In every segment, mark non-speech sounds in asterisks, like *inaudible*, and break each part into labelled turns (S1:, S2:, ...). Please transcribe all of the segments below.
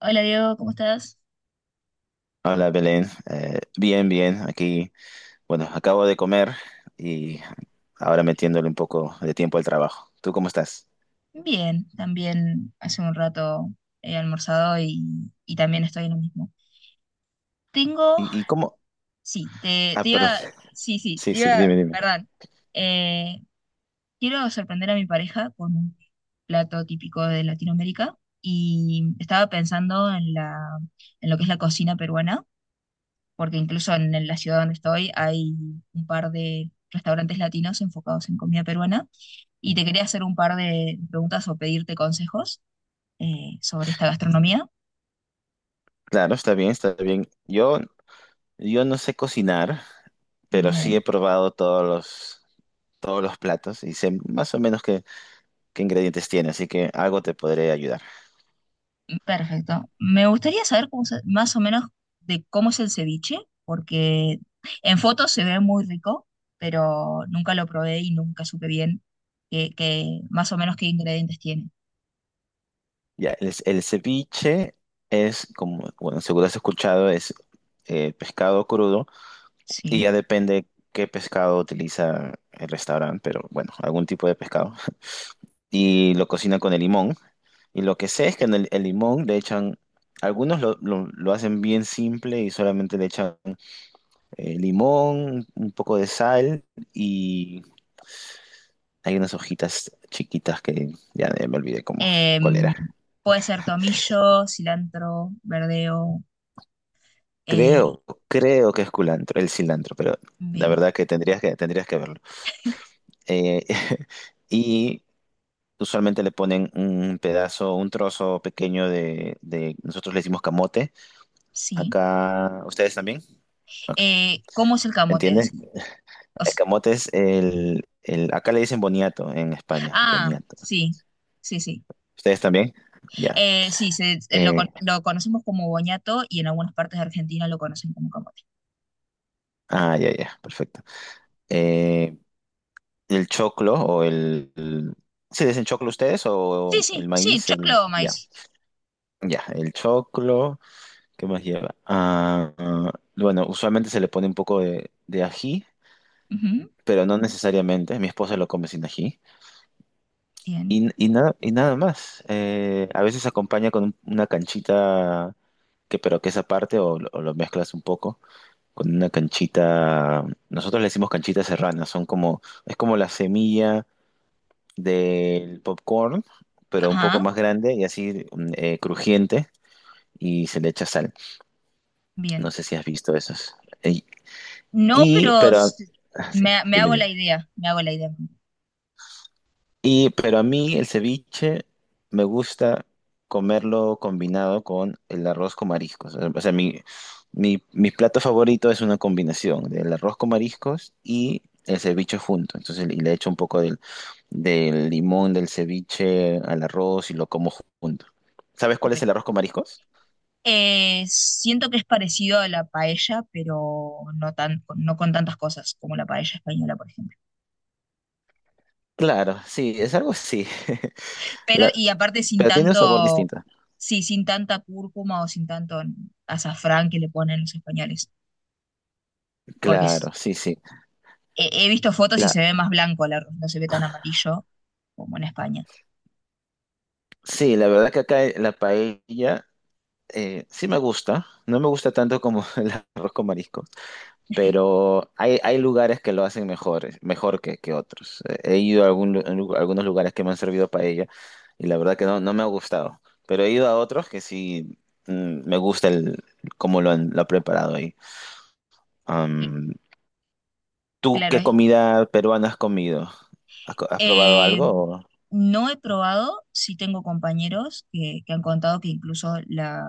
S1: Hola Diego, ¿cómo estás?
S2: Hola Belén. Bien, bien, aquí, bueno, acabo de comer y ahora metiéndole un poco de tiempo al trabajo. ¿Tú cómo estás?
S1: Bien, también hace un rato he almorzado y también estoy en lo mismo. Tengo,
S2: ¿Y cómo?
S1: sí, te,
S2: Ah,
S1: te
S2: perdón.
S1: iba,
S2: *laughs*
S1: sí, sí,
S2: Sí,
S1: te
S2: sí,
S1: iba,
S2: dime, dime.
S1: perdón. Eh, Quiero sorprender a mi pareja con un plato típico de Latinoamérica y estaba pensando en en lo que es la cocina peruana, porque incluso en la ciudad donde estoy hay un par de restaurantes latinos enfocados en comida peruana y te quería hacer un par de preguntas o pedirte consejos sobre esta gastronomía.
S2: Claro, está bien, está bien. Yo no sé cocinar, pero sí he
S1: Bien,
S2: probado todos los platos y sé más o menos qué ingredientes tiene, así que algo te podré ayudar.
S1: perfecto. Me gustaría saber más o menos de cómo es el ceviche, porque en fotos se ve muy rico, pero nunca lo probé y nunca supe bien más o menos qué ingredientes tiene.
S2: Ya, el ceviche es, como, bueno, seguro has escuchado, es pescado crudo. Y
S1: Sí.
S2: ya depende qué pescado utiliza el restaurante, pero bueno, algún tipo de pescado. *laughs* Y lo cocinan con el limón. Y lo que sé es que en el limón le echan, algunos lo hacen bien simple y solamente le echan limón, un poco de sal, y hay unas hojitas chiquitas que ya me olvidé cómo, cuál
S1: Em,
S2: era.
S1: Puede ser tomillo, cilantro, verdeo. eh,
S2: Creo que es culantro, el cilantro, pero la
S1: Bien,
S2: verdad que tendrías que verlo. Eh, *laughs* y usualmente le ponen un pedazo, un trozo pequeño nosotros le decimos camote.
S1: sí.
S2: Acá, ¿ustedes también? Ok.
S1: ¿Cómo es el camote
S2: ¿Entiendes?
S1: así? O
S2: El
S1: s-
S2: camote es acá le dicen boniato en España,
S1: ah,
S2: boniato.
S1: sí, sí, sí.
S2: ¿Ustedes también? Ya.
S1: Sí,
S2: Eh,
S1: lo conocemos como boñato y en algunas partes de Argentina lo conocen como camote.
S2: ah, ya, ya, perfecto. Eh, el choclo o ¿se dicen choclo ustedes o
S1: Sí, sí,
S2: el
S1: sí,
S2: maíz? El-
S1: choclo o
S2: ya,
S1: maíz.
S2: ya, el choclo, ¿qué más lleva? Ah, ah, bueno, usualmente se le pone un poco de ají,
S1: Ujú,
S2: pero no necesariamente. Mi esposa lo come sin ají.
S1: bien.
S2: Y nada, y nada más. A veces acompaña con un- una canchita, que, pero que es aparte, o, lo mezclas un poco, con una canchita. Nosotros le decimos canchitas serranas, son como, es como la semilla del popcorn, pero un poco
S1: Ajá,
S2: más grande y así crujiente, y se le echa sal. No
S1: bien.
S2: sé si has visto esos. Eh,
S1: No,
S2: Y,
S1: pero
S2: pero, ah, sí,
S1: me hago
S2: dime.
S1: la idea, me hago la idea.
S2: Pero a mí el ceviche me gusta comerlo combinado con el arroz con mariscos. O sea, mi plato favorito es una combinación del arroz con mariscos y el ceviche junto. Entonces, y le echo un poco del limón del ceviche al arroz y lo como junto. ¿Sabes
S1: Qué
S2: cuál es el
S1: rico.
S2: arroz con mariscos?
S1: Siento que es parecido a la paella, pero no tan, no con tantas cosas como la paella española, por ejemplo.
S2: Claro, sí, es algo así. *laughs*
S1: Pero,
S2: La-
S1: y aparte sin
S2: pero tiene un sabor
S1: tanto,
S2: distinto.
S1: sí, sin tanta cúrcuma o sin tanto azafrán que le ponen los españoles, porque es-
S2: Claro, sí, sí.
S1: he visto fotos y
S2: La,
S1: se ve más blanco el arroz, no se ve tan amarillo como en España.
S2: sí, la verdad que acá la paella, sí me gusta, no me gusta tanto como *laughs* el arroz con marisco, pero hay lugares que lo hacen mejor, mejor que otros. He ido a, algún algunos lugares que me han servido paella y la verdad que no, no me ha gustado, pero he ido a otros que sí me gusta cómo lo ha preparado ahí.
S1: Cl-
S2: Am, ¿Tú
S1: Claro,
S2: qué
S1: es.
S2: comida peruana has comido? ¿Has, has probado
S1: eh,
S2: algo? O-
S1: no he probado, sí tengo compañeros que han contado que incluso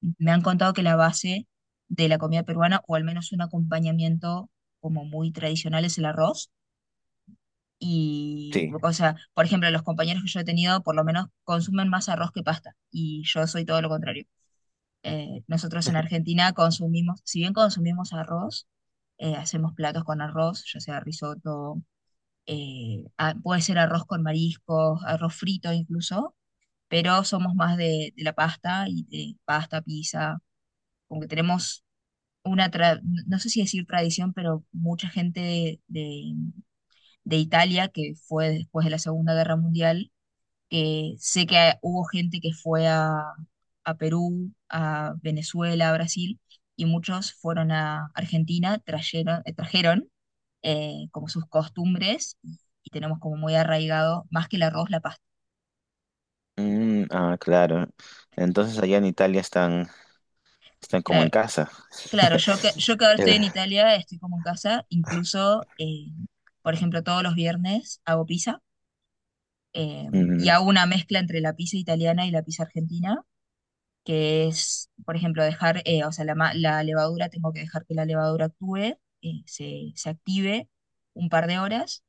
S1: me han contado que la base de la comida peruana, o al menos un acompañamiento como muy tradicional, es el arroz. Y,
S2: Sí.
S1: o sea, por ejemplo, los compañeros que yo he tenido, por lo menos consumen más arroz que pasta, y yo soy todo lo contrario. Nosotros en Argentina consumimos, si bien consumimos arroz, hacemos platos con arroz, ya sea risotto, puede ser arroz con mariscos, arroz frito incluso, pero somos más de la pasta y de pasta, pizza, como que tenemos no sé si decir tradición, pero mucha gente de Italia que fue después de la Segunda Guerra Mundial, que sé que hubo gente que fue a Perú, a Venezuela, a Brasil, y muchos fueron a Argentina, trajeron como sus costumbres, y tenemos como muy arraigado, más que el arroz, la pasta.
S2: Ah, claro. Entonces allá en Italia están, están como en
S1: Claro,
S2: casa.
S1: claro, yo que
S2: *laughs*
S1: ahora estoy
S2: El-
S1: en Italia, estoy como en casa, incluso, por ejemplo, todos los viernes hago pizza. eh, y
S2: Mm,
S1: hago una mezcla entre la pizza italiana y la pizza argentina, que es, por ejemplo, dejar, o sea, la levadura, tengo que dejar que la levadura actúe, se active un par de horas,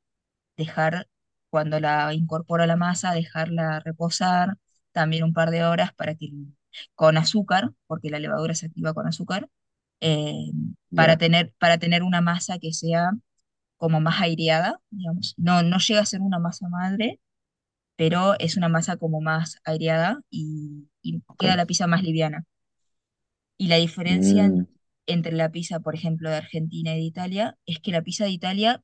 S1: dejar, cuando la incorporo a la masa, dejarla reposar también un par de horas para que, con azúcar, porque la levadura se activa con azúcar, eh, para
S2: ya,
S1: tener, para tener una masa que sea como más aireada, digamos. No, no llega a ser una masa madre, pero es una masa como más aireada y queda la
S2: ok.
S1: pizza más liviana. Y la diferencia
S2: Mm,
S1: entre la pizza, por ejemplo, de Argentina y de Italia, es que la pizza de Italia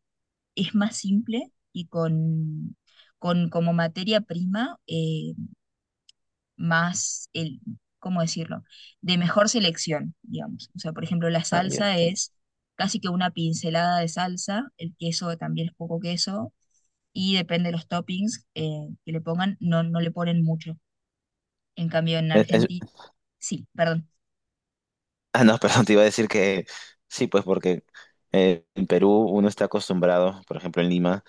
S1: es más simple y con como materia prima más, el, ¿cómo decirlo? De mejor selección, digamos. O sea, por ejemplo, la
S2: ah, ya.
S1: salsa es casi que una pincelada de salsa, el queso también es poco queso, y depende de los toppings que le pongan, no le ponen mucho. En cambio, en
S2: te- es-
S1: Argentina,
S2: es-
S1: sí, perdón,
S2: ah, no, *laughs* perdón, te iba a decir que sí, pues porque en Perú uno está acostumbrado, por ejemplo en Lima,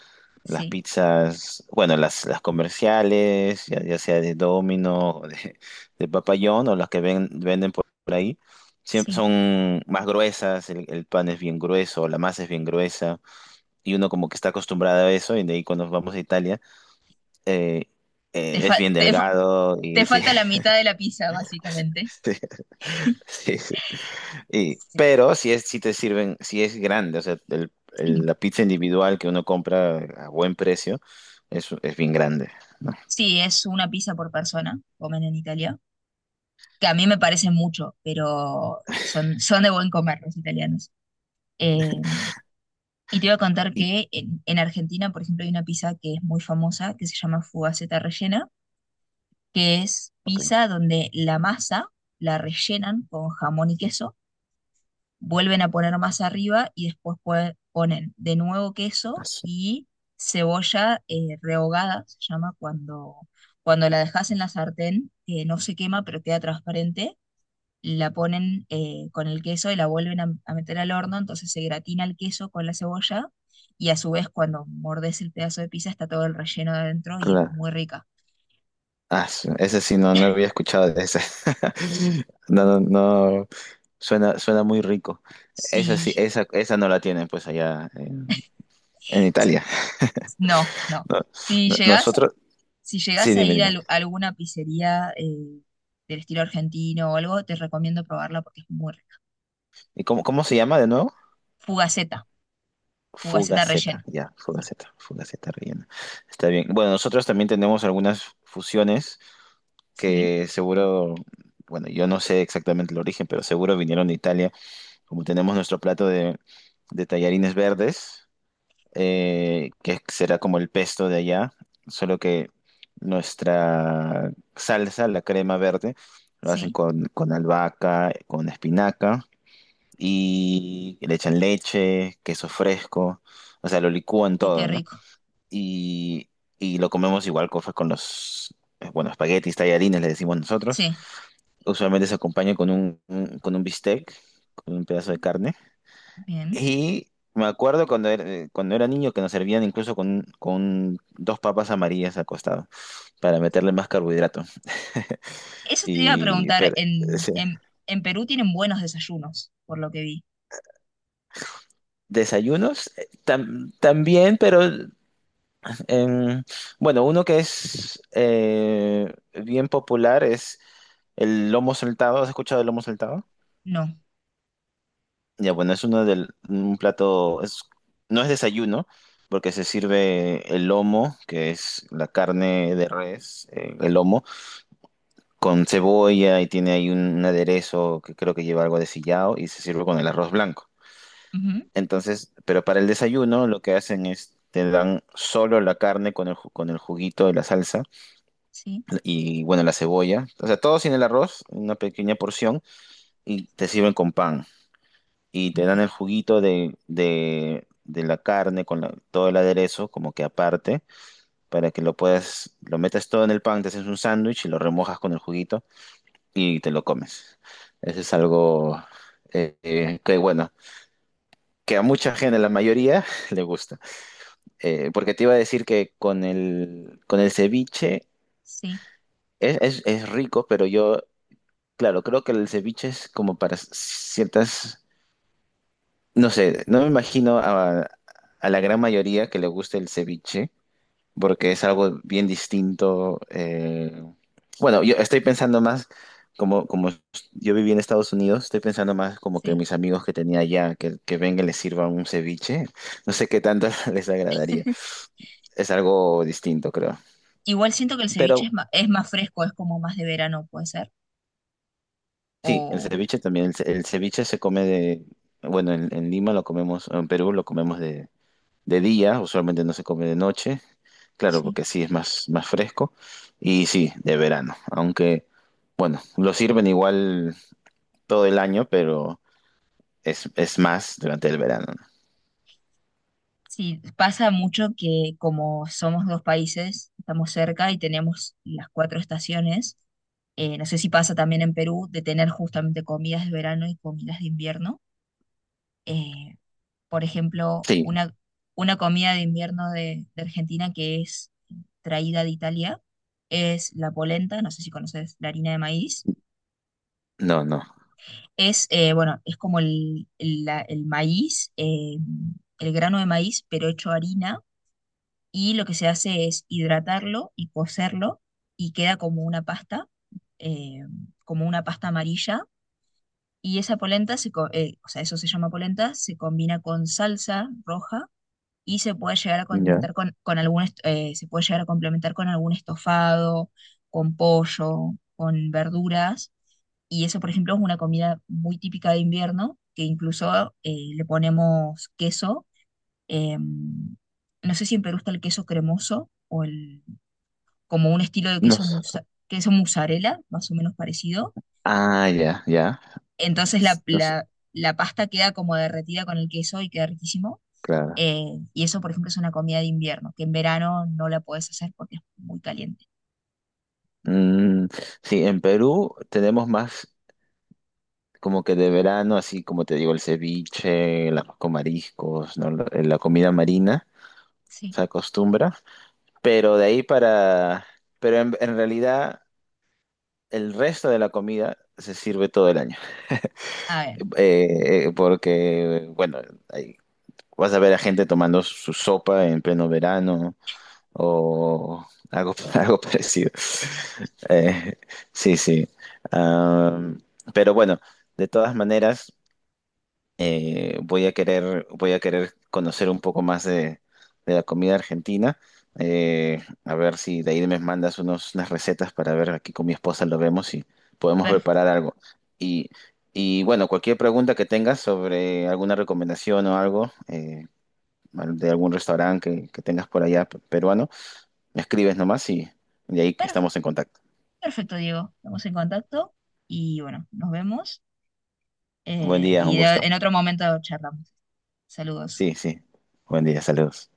S2: las
S1: sí,
S2: pizzas, bueno, las comerciales, ya, ya sea de Domino o de, *laughs* de Papa John o las que venden por ahí, siempre
S1: sí.
S2: son más gruesas, el pan es bien grueso, la masa es bien gruesa, y uno como que está acostumbrado a eso, y de ahí cuando vamos a Italia, eh,
S1: Te,
S2: es
S1: fa-
S2: bien
S1: te,
S2: delgado
S1: Te
S2: y sí.
S1: falta la mitad de la pizza, básicamente.
S2: *laughs* Sí, sí.
S1: Sí,
S2: Pero si es, si te sirven, si es grande, o sea, la pizza individual que uno compra a buen precio es bien grande, ¿no?
S1: sí, es una pizza por persona, comen en Italia, que a mí me parece mucho, pero son de buen comer los italianos. Eh, y te iba a contar
S2: Y-
S1: que en, Argentina, por ejemplo, hay una pizza que es muy famosa, que se llama fugaceta rellena, que es
S2: ok.
S1: pizza donde la masa la rellenan con jamón y queso, vuelven a poner más arriba y después ponen de nuevo queso
S2: Asu-
S1: y cebolla rehogada, se llama cuando, la dejas en la sartén, no se quema pero queda transparente, la ponen con el queso y la vuelven a meter al horno, entonces se gratina el queso con la cebolla y a su vez cuando mordes el pedazo de pizza está todo el relleno de adentro y es
S2: Claro.
S1: muy rica.
S2: Asu, ese sí, no, no había escuchado de ese. *laughs* No, no, no. Suena, suena muy rico. Esa sí,
S1: Sí.
S2: esa no la tienen pues allá en Italia. *laughs*
S1: No, no.
S2: No-
S1: Si llegas
S2: nosotros,
S1: Si
S2: sí,
S1: llegás a
S2: dime,
S1: ir
S2: dime.
S1: alguna pizzería del estilo argentino o algo, te recomiendo probarla porque es muy rica.
S2: Cómo se llama de nuevo?
S1: Fugaceta, fugaceta
S2: Fugaceta,
S1: rellena.
S2: ya,
S1: Sí,
S2: Fugaceta, Fugaceta rellena. Está bien. Bueno, nosotros también tenemos algunas fusiones
S1: sí,
S2: que seguro, bueno, yo no sé exactamente el origen, pero seguro vinieron de Italia, como tenemos nuestro plato de tallarines verdes, que será como el pesto de allá, solo que nuestra salsa, la crema verde, lo hacen
S1: sí.
S2: con albahaca, con espinaca y le echan leche, queso fresco, o sea, lo licúan
S1: Uy, qué
S2: todo, ¿no?
S1: rico.
S2: Y, y lo comemos igual con los, bueno, espaguetis, tallarines, le decimos nosotros.
S1: Sí,
S2: Usualmente se acompaña con con un bistec, con un pedazo de carne.
S1: bien.
S2: Y me acuerdo cuando era niño, que nos servían incluso con dos papas amarillas al costado para meterle más carbohidrato. *laughs*
S1: Eso te iba a
S2: Y
S1: preguntar,
S2: pero,
S1: en,
S2: sí.
S1: en, en Perú tienen buenos desayunos, por lo que vi.
S2: Desayunos tam- también, pero Em, bueno, uno que es bien popular es el lomo saltado. ¿Has escuchado el lomo saltado?
S1: No.
S2: Ya, bueno, es uno del un plato, es, no es desayuno, porque se sirve el lomo, que es la carne de res, el lomo, con cebolla y tiene ahí un aderezo que creo que lleva algo de sillao, y se sirve con el arroz blanco.
S1: Ujú,
S2: Entonces, pero para el desayuno lo que hacen es te dan solo la carne con con el juguito de la salsa
S1: sí,
S2: y bueno, la cebolla. O sea, todo sin el arroz, una pequeña porción, y te sirven con pan. Y te dan
S1: bien.
S2: el juguito de la carne con la- todo el aderezo, como que aparte, para que lo metas todo en el pan, te haces un sándwich y lo remojas con el juguito y te lo comes. Eso es algo que, bueno, que a mucha gente, a la mayoría, *laughs* le gusta. Porque te iba a decir que con con el ceviche
S1: Sí,
S2: es, es rico, pero yo Claro, creo que el ceviche es como para ciertas, no sé, no me imagino a la gran mayoría que le guste el ceviche, porque es algo bien distinto. Bueno, yo estoy pensando más, como yo viví en Estados Unidos, estoy pensando más como que
S1: sí.
S2: mis amigos que tenía allá, que vengan y les sirva un ceviche, no sé qué tanto *laughs* les agradaría.
S1: *laughs*
S2: Es algo distinto, creo.
S1: Igual siento que el ceviche
S2: Pero
S1: es más fresco, es como más de verano, puede ser.
S2: sí, el
S1: O
S2: ceviche también, el ceviche se come de, bueno, en Lima lo comemos, en Perú lo comemos de día, usualmente no se come de noche, claro,
S1: sí.
S2: porque así es más, más fresco, y sí, de verano, aunque, bueno, lo sirven igual todo el año, pero es más durante el verano, ¿no?
S1: Sí, pasa mucho que como somos dos países, estamos cerca y tenemos las cuatro estaciones, no sé si pasa también en Perú de tener justamente comidas de verano y comidas de invierno. Eh, por ejemplo,
S2: Sí,
S1: una comida de invierno de Argentina que es traída de Italia es la polenta, no sé si conoces la harina de maíz.
S2: no, no,
S1: Bueno, es como el maíz, el grano de maíz, pero hecho harina, y lo que se hace es hidratarlo y cocerlo y queda eh, como una pasta amarilla. Y esa polenta, o sea, eso se llama polenta, se combina con salsa roja y se puede llegar a
S2: ya,
S1: condimentar con se puede llegar a complementar con algún estofado, con pollo, con verduras. Y eso, por ejemplo, es una comida muy típica de invierno, que incluso le ponemos queso, no sé si en Perú está el queso cremoso o como un estilo de
S2: no,
S1: queso,
S2: s-
S1: queso mozzarella, más o menos parecido.
S2: ah, ya, ya,
S1: Entonces la,
S2: S- no s-
S1: la- la pasta queda como derretida con el queso y queda riquísimo.
S2: claro.
S1: Eh, y eso, por ejemplo, es una comida de invierno, que en verano no la puedes hacer porque es muy caliente.
S2: Mm, sí, en Perú tenemos más como que de verano, así como te digo, el ceviche, el arroz con mariscos, ¿no? La comida marina
S1: Sí,
S2: se acostumbra. Pero de ahí para... Pero en realidad el resto de la comida se sirve todo el año.
S1: a ver,
S2: Porque, bueno, ahí vas a ver a gente tomando su sopa en pleno verano o algo, *laughs* algo parecido. Eh, sí, sí. Am, pero bueno, de todas maneras... voy a querer conocer un poco más de la comida argentina. A ver si de ahí me mandas unas recetas para ver aquí con mi esposa lo vemos y podemos
S1: per-
S2: preparar algo. Y, y bueno, cualquier pregunta que tengas sobre alguna recomendación o algo de algún restaurante que tengas por allá peruano, me escribes nomás y de ahí
S1: per-
S2: estamos en contacto.
S1: perfecto, Diego. Estamos en contacto y bueno, nos vemos
S2: Buen día, un gusto.
S1: en otro momento charlamos. Saludos.
S2: Sí, sí. Buen día, saludos.